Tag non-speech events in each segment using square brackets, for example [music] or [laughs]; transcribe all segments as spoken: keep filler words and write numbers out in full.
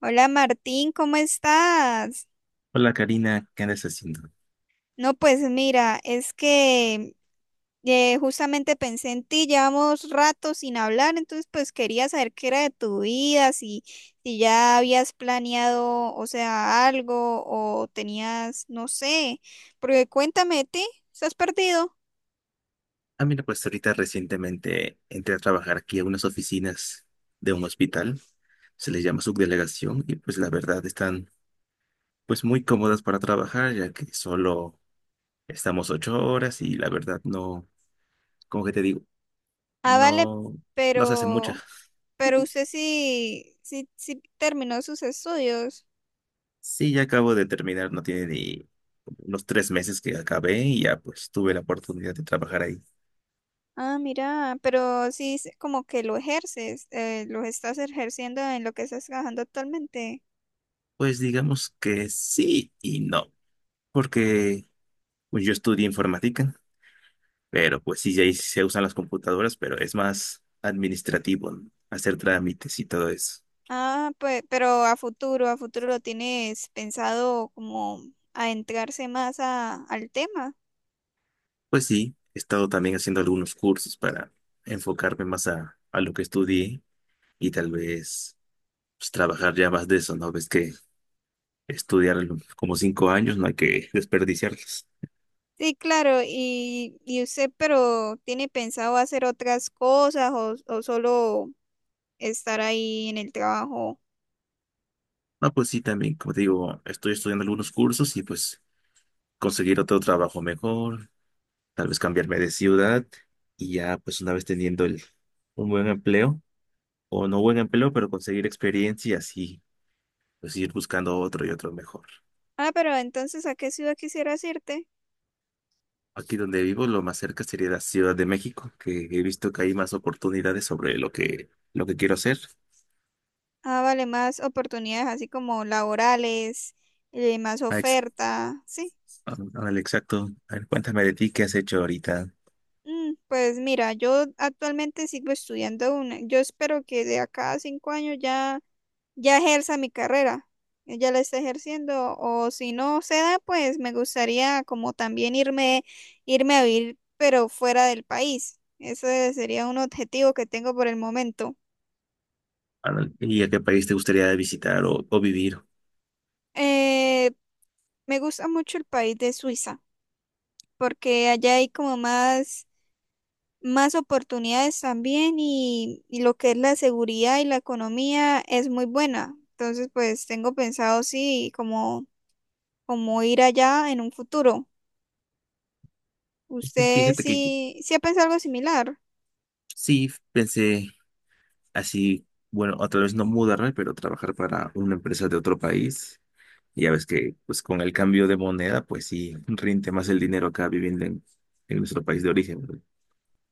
Hola Martín, ¿cómo estás? Hola Karina, ¿qué andas haciendo? No, pues mira, es que eh, justamente pensé en ti, llevamos rato sin hablar, entonces pues quería saber qué era de tu vida, si, si ya habías planeado, o sea, algo o tenías, no sé, porque cuéntame de ti, ¿estás perdido? Ah, mira, pues ahorita recientemente entré a trabajar aquí a unas oficinas de un hospital, se les llama subdelegación y pues la verdad están pues muy cómodas para trabajar ya que solo estamos ocho horas y la verdad no, como que te digo, Ah, vale, no, no se hace mucha. pero, pero usted sí, sí, sí terminó sus estudios. Sí, ya acabo de terminar, no tiene ni unos tres meses que acabé y ya pues tuve la oportunidad de trabajar ahí. Ah, mira, pero sí es como que lo ejerces, eh, lo estás ejerciendo en lo que estás trabajando actualmente. Pues digamos que sí y no, porque pues, yo estudié informática. Pero pues sí, ahí sí se usan las computadoras, pero es más administrativo, ¿no? Hacer trámites y todo eso. Ah, pues, pero a futuro, a futuro lo tienes pensado como adentrarse más a, al tema. Pues sí, he estado también haciendo algunos cursos para enfocarme más a, a lo que estudié y tal vez pues, trabajar ya más de eso, ¿no? Ves que estudiar lo- como cinco años no hay que [laughs] desperdiciarlos. Sí, claro, y, y usted, pero ¿tiene pensado hacer otras cosas o, o solo estar ahí en el trabajo? No, pues sí, también, como te digo, estoy estudiando algunos cursos y pues conseguir otro trabajo mejor, tal vez cambiarme de ciudad y ya pues una vez teniendo el, un buen empleo o no buen empleo, pero conseguir experiencia y así, pues ir buscando otro y otro mejor. Ah, pero entonces, ¿a qué ciudad quisieras irte? Aquí donde vivo, lo más cerca sería la Ciudad de México, que he visto que hay más oportunidades sobre lo que, lo que quiero hacer. Ah, vale, más oportunidades así como laborales, eh, más Ah, ex- oferta, ¿sí? ah, Ándale, exacto. A ver, cuéntame de ti, ¿qué has hecho ahorita? Mm, pues mira, yo actualmente sigo estudiando una. Yo espero que de acá a cinco años ya, ya ejerza mi carrera. eh, Ya la esté ejerciendo. O si no se da, pues me gustaría como también irme, irme a vivir, pero fuera del país. Ese sería un objetivo que tengo por el momento. Ándale, ¿y a qué país te gustaría visitar o, o vivir? Eh, Me gusta mucho el país de Suiza, porque allá hay como más más oportunidades también y, y lo que es la seguridad y la economía es muy buena. Entonces, pues tengo pensado sí, como, como ir allá en un futuro. ¿Usted Fíjate que yo sí, sí ha pensado algo similar? sí pensé así, bueno, a través no mudarme, pero trabajar para una empresa de otro país. Y ya ves que pues con el cambio de moneda, pues sí, rinde más el dinero acá viviendo en, en nuestro país de origen, ¿no?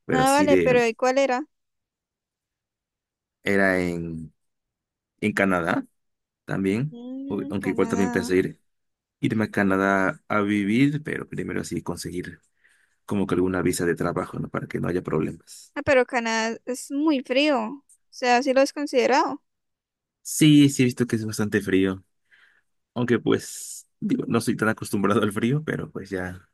Pero Nada, así vale, de, pero ¿y cuál era? era en, en Canadá también, o- Mm, aunque igual también Canadá. pensé ir, irme a Canadá a vivir, pero primero así conseguir como que alguna visa de trabajo, ¿no? Para que no haya problemas. Ah, pero Canadá es muy frío. O sea, sí lo has considerado. Sí, sí he visto que es bastante frío, aunque pues, digo, no soy tan acostumbrado al frío, pero pues ya,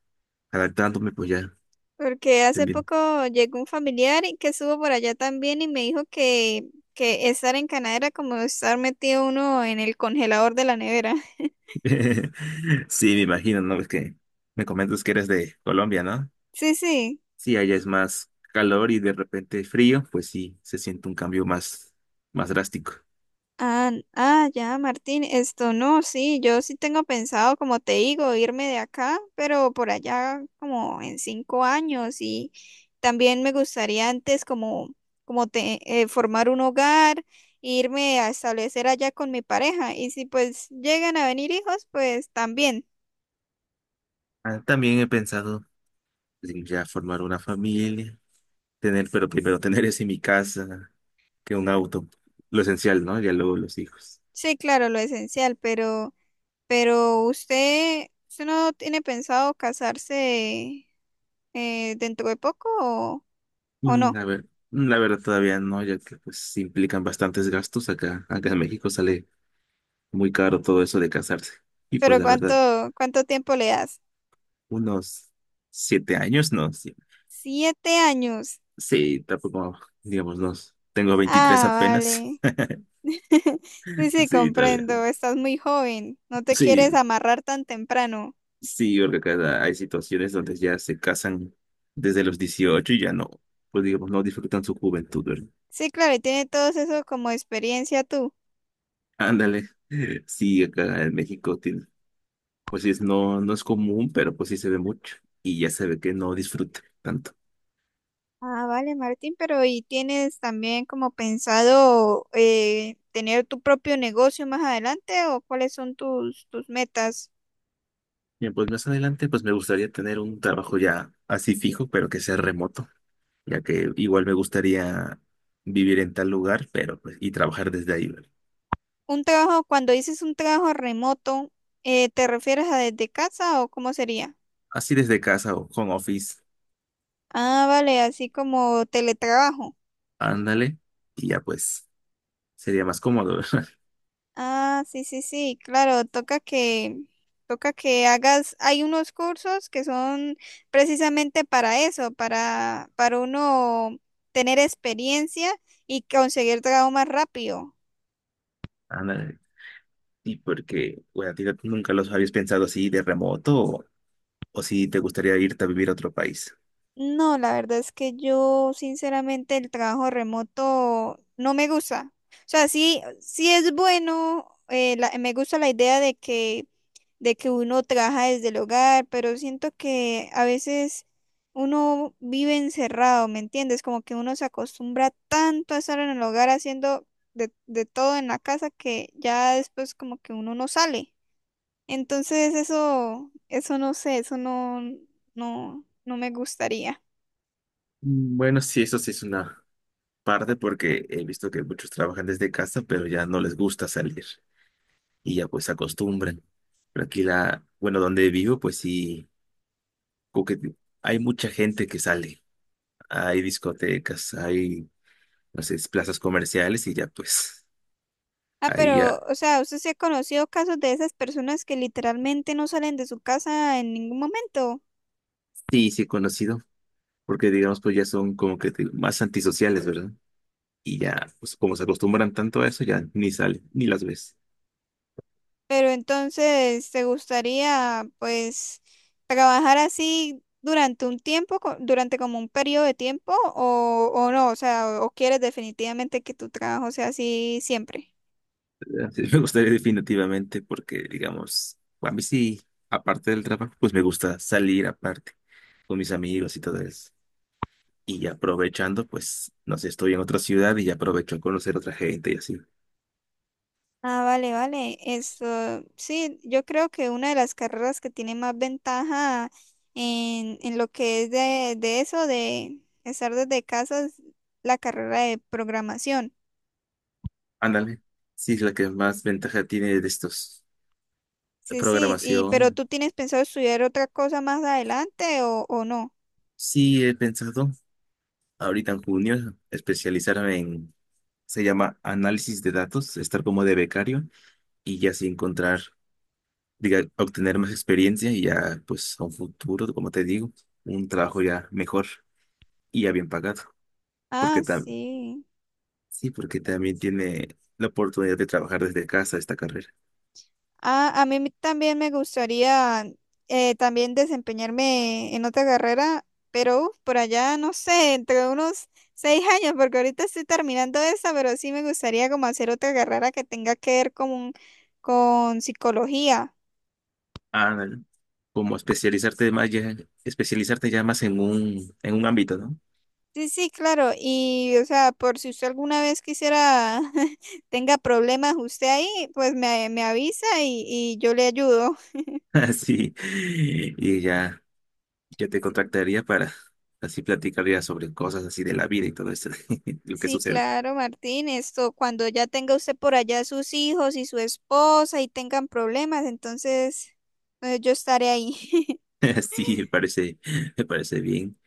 adaptándome, pues ya, Porque hace también. poco llegó un familiar y que estuvo por allá también y me dijo que, que estar en Canadá era como estar metido uno en el congelador de la nevera. [laughs] Sí, me imagino, ¿no? Es que me comentas que eres de Colombia, ¿no? Sí, sí. Sí, allá es más calor y de repente frío, pues sí, se siente un cambio más, más drástico. Ah, ah, ya, Martín, esto no, sí, yo sí tengo pensado, como te digo, irme de acá, pero por allá como en cinco años y también me gustaría antes como, como te, eh, formar un hogar, irme a establecer allá con mi pareja y si pues llegan a venir hijos, pues también. Ah, también he pensado en ya formar una familia, tener, pero primero tener eso en mi casa, que un auto, lo esencial, ¿no? Ya luego los hijos. Sí, claro, lo esencial, pero, pero usted, ¿usted no tiene pensado casarse eh, dentro de poco o o Mm, no? a ver, mm, la verdad todavía no, ya que pues sí implican bastantes gastos acá, acá en México sale muy caro todo eso de casarse. Y pues Pero la ¿cuánto, verdad ¿cuánto tiempo le das? unos siete años, no, sí, Siete años. sí, tampoco, digamos, no, tengo veintitrés Ah, apenas. vale. [laughs] [laughs] Sí, sí, Sí, todavía, comprendo. Estás muy joven. No te sí, quieres amarrar tan temprano. sí, porque cada, hay situaciones donde ya se casan desde los dieciocho y ya no, pues digamos, no disfrutan su juventud, ¿verdad? Sí, claro, y tiene todo eso como experiencia tú. Ándale, sí, acá en México, tiene- pues sí, es, no, no es común, pero pues sí se ve mucho y ya se ve que no disfruta tanto. Ah, vale, Martín, pero ¿y tienes también como pensado eh, tener tu propio negocio más adelante o cuáles son tus, tus metas? Bien, pues más adelante, pues me gustaría tener un trabajo ya así fijo, pero que sea remoto ya que igual me gustaría vivir en tal lugar, pero pues, y trabajar desde ahí, ¿verdad? Un trabajo, cuando dices un trabajo remoto, eh, ¿te refieres a desde casa o cómo sería? Así desde casa o home office, Ah, vale, así como teletrabajo. ándale, y ya pues sería más cómodo. [laughs] Ah, sí, sí, sí, claro, toca que, toca que hagas, hay unos cursos que son precisamente para eso, para, para uno tener experiencia y conseguir trabajo más rápido. Ándale. Y porque, bueno, ¿a ti no- nunca los habías pensado así de remoto o, o si te gustaría irte a vivir a otro país? No, la verdad es que yo, sinceramente, el trabajo remoto no me gusta. O sea, sí, sí es bueno, eh, la- me gusta la idea de que de que uno trabaja desde el hogar, pero siento que a veces uno vive encerrado, ¿me entiendes? Como que uno se acostumbra tanto a estar en el hogar haciendo de, de todo en la casa que ya después como que uno no sale. Entonces eso, eso no sé, eso no, no, no me gustaría. Mm, bueno, sí, eso sí es una parte porque he visto que muchos trabajan desde casa, pero ya no les gusta salir. Y ya pues se acostumbran. Pero aquí la, bueno, donde vivo, pues sí, como que hay mucha gente que sale. Hay discotecas, hay, no sé, plazas comerciales y ya pues Ah, ahí pero, ya, o sea, ¿usted se ha conocido casos de esas personas que literalmente no salen de su casa en ningún momento? sí, sí he conocido, porque digamos pues ya son como que te- más antisociales, ¿verdad? Y ya, pues como se acostumbran tanto a eso, ya ni salen, ni las ves. Pero entonces, ¿te gustaría pues trabajar así durante un tiempo, co- durante como un periodo de tiempo o, o no? O sea, o, o quieres definitivamente que tu trabajo sea así siempre? ¿Verdad? Sí, [laughs] me gustaría definitivamente porque, digamos, a mí sí, aparte del trabajo, pues me gusta salir aparte con mis amigos y todo eso. Y aprovechando, pues, no sé, estoy en otra ciudad y aprovecho a conocer otra gente y así. Ah, vale, vale. Esto, sí, yo creo que una de las carreras que tiene más ventaja en, en lo que es de, de eso, de estar desde casa, es la carrera de programación. Ándale. Sí, es la que más ventaja tiene de estos, de Sí, sí, y pero programación. ¿tú tienes pensado estudiar otra cosa más adelante o, o no? Sí, he pensado ahorita en junio especializarme en, se llama análisis de datos, estar como de becario y ya así encontrar, diga, obtener más experiencia y ya, pues, a un futuro, como te digo, un trabajo ya mejor y ya bien pagado. Ah, Porque tam- sí. sí, porque también tiene la oportunidad de trabajar desde casa esta carrera. Ah, a mí me- también me gustaría eh, también desempeñarme en otra carrera, pero uf, por allá, no sé, entre unos seis años, porque ahorita estoy terminando esa, pero sí me gustaría como hacer otra carrera que tenga que ver con, con psicología. Ándale, como especializarte más ya, especializarte ya más en un, en un, ámbito, ¿no? Sí, sí, claro. Y, o sea, por si usted alguna vez quisiera, [laughs] tenga problemas usted ahí, pues me, me avisa y, y yo le ayudo. [laughs] Así, y ya, ya te contactaría para así platicaría sobre cosas así de la vida y todo eso, [laughs] lo que Sí, sucede. claro, Martín, esto cuando ya tenga usted por allá sus hijos y su esposa y tengan problemas, entonces eh, yo estaré ahí. [laughs] [laughs] Sí, me parece, me parece bien.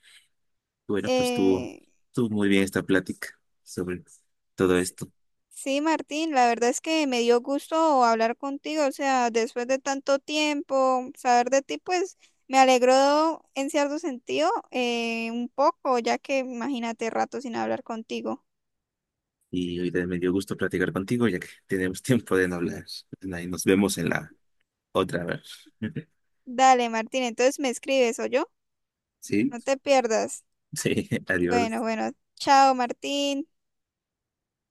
Bueno, pues estuvo, Eh, estuvo muy bien esta plática sobre todo s- esto. sí, Martín, la verdad es que me dio gusto hablar contigo, o sea, después de tanto tiempo, saber de ti, pues me alegró en cierto sentido eh, un poco, ya que imagínate rato sin hablar contigo. Y ahorita me dio gusto platicar contigo, ya que tenemos [laughs] tiempo de no hablar. Y nos vemos en la otra vez. [laughs] Dale, Martín, entonces me escribes, ¿o yo, ¿Sí? No te pierdas. Sí, [laughs] Bueno, adiós. bueno, chao, Martín.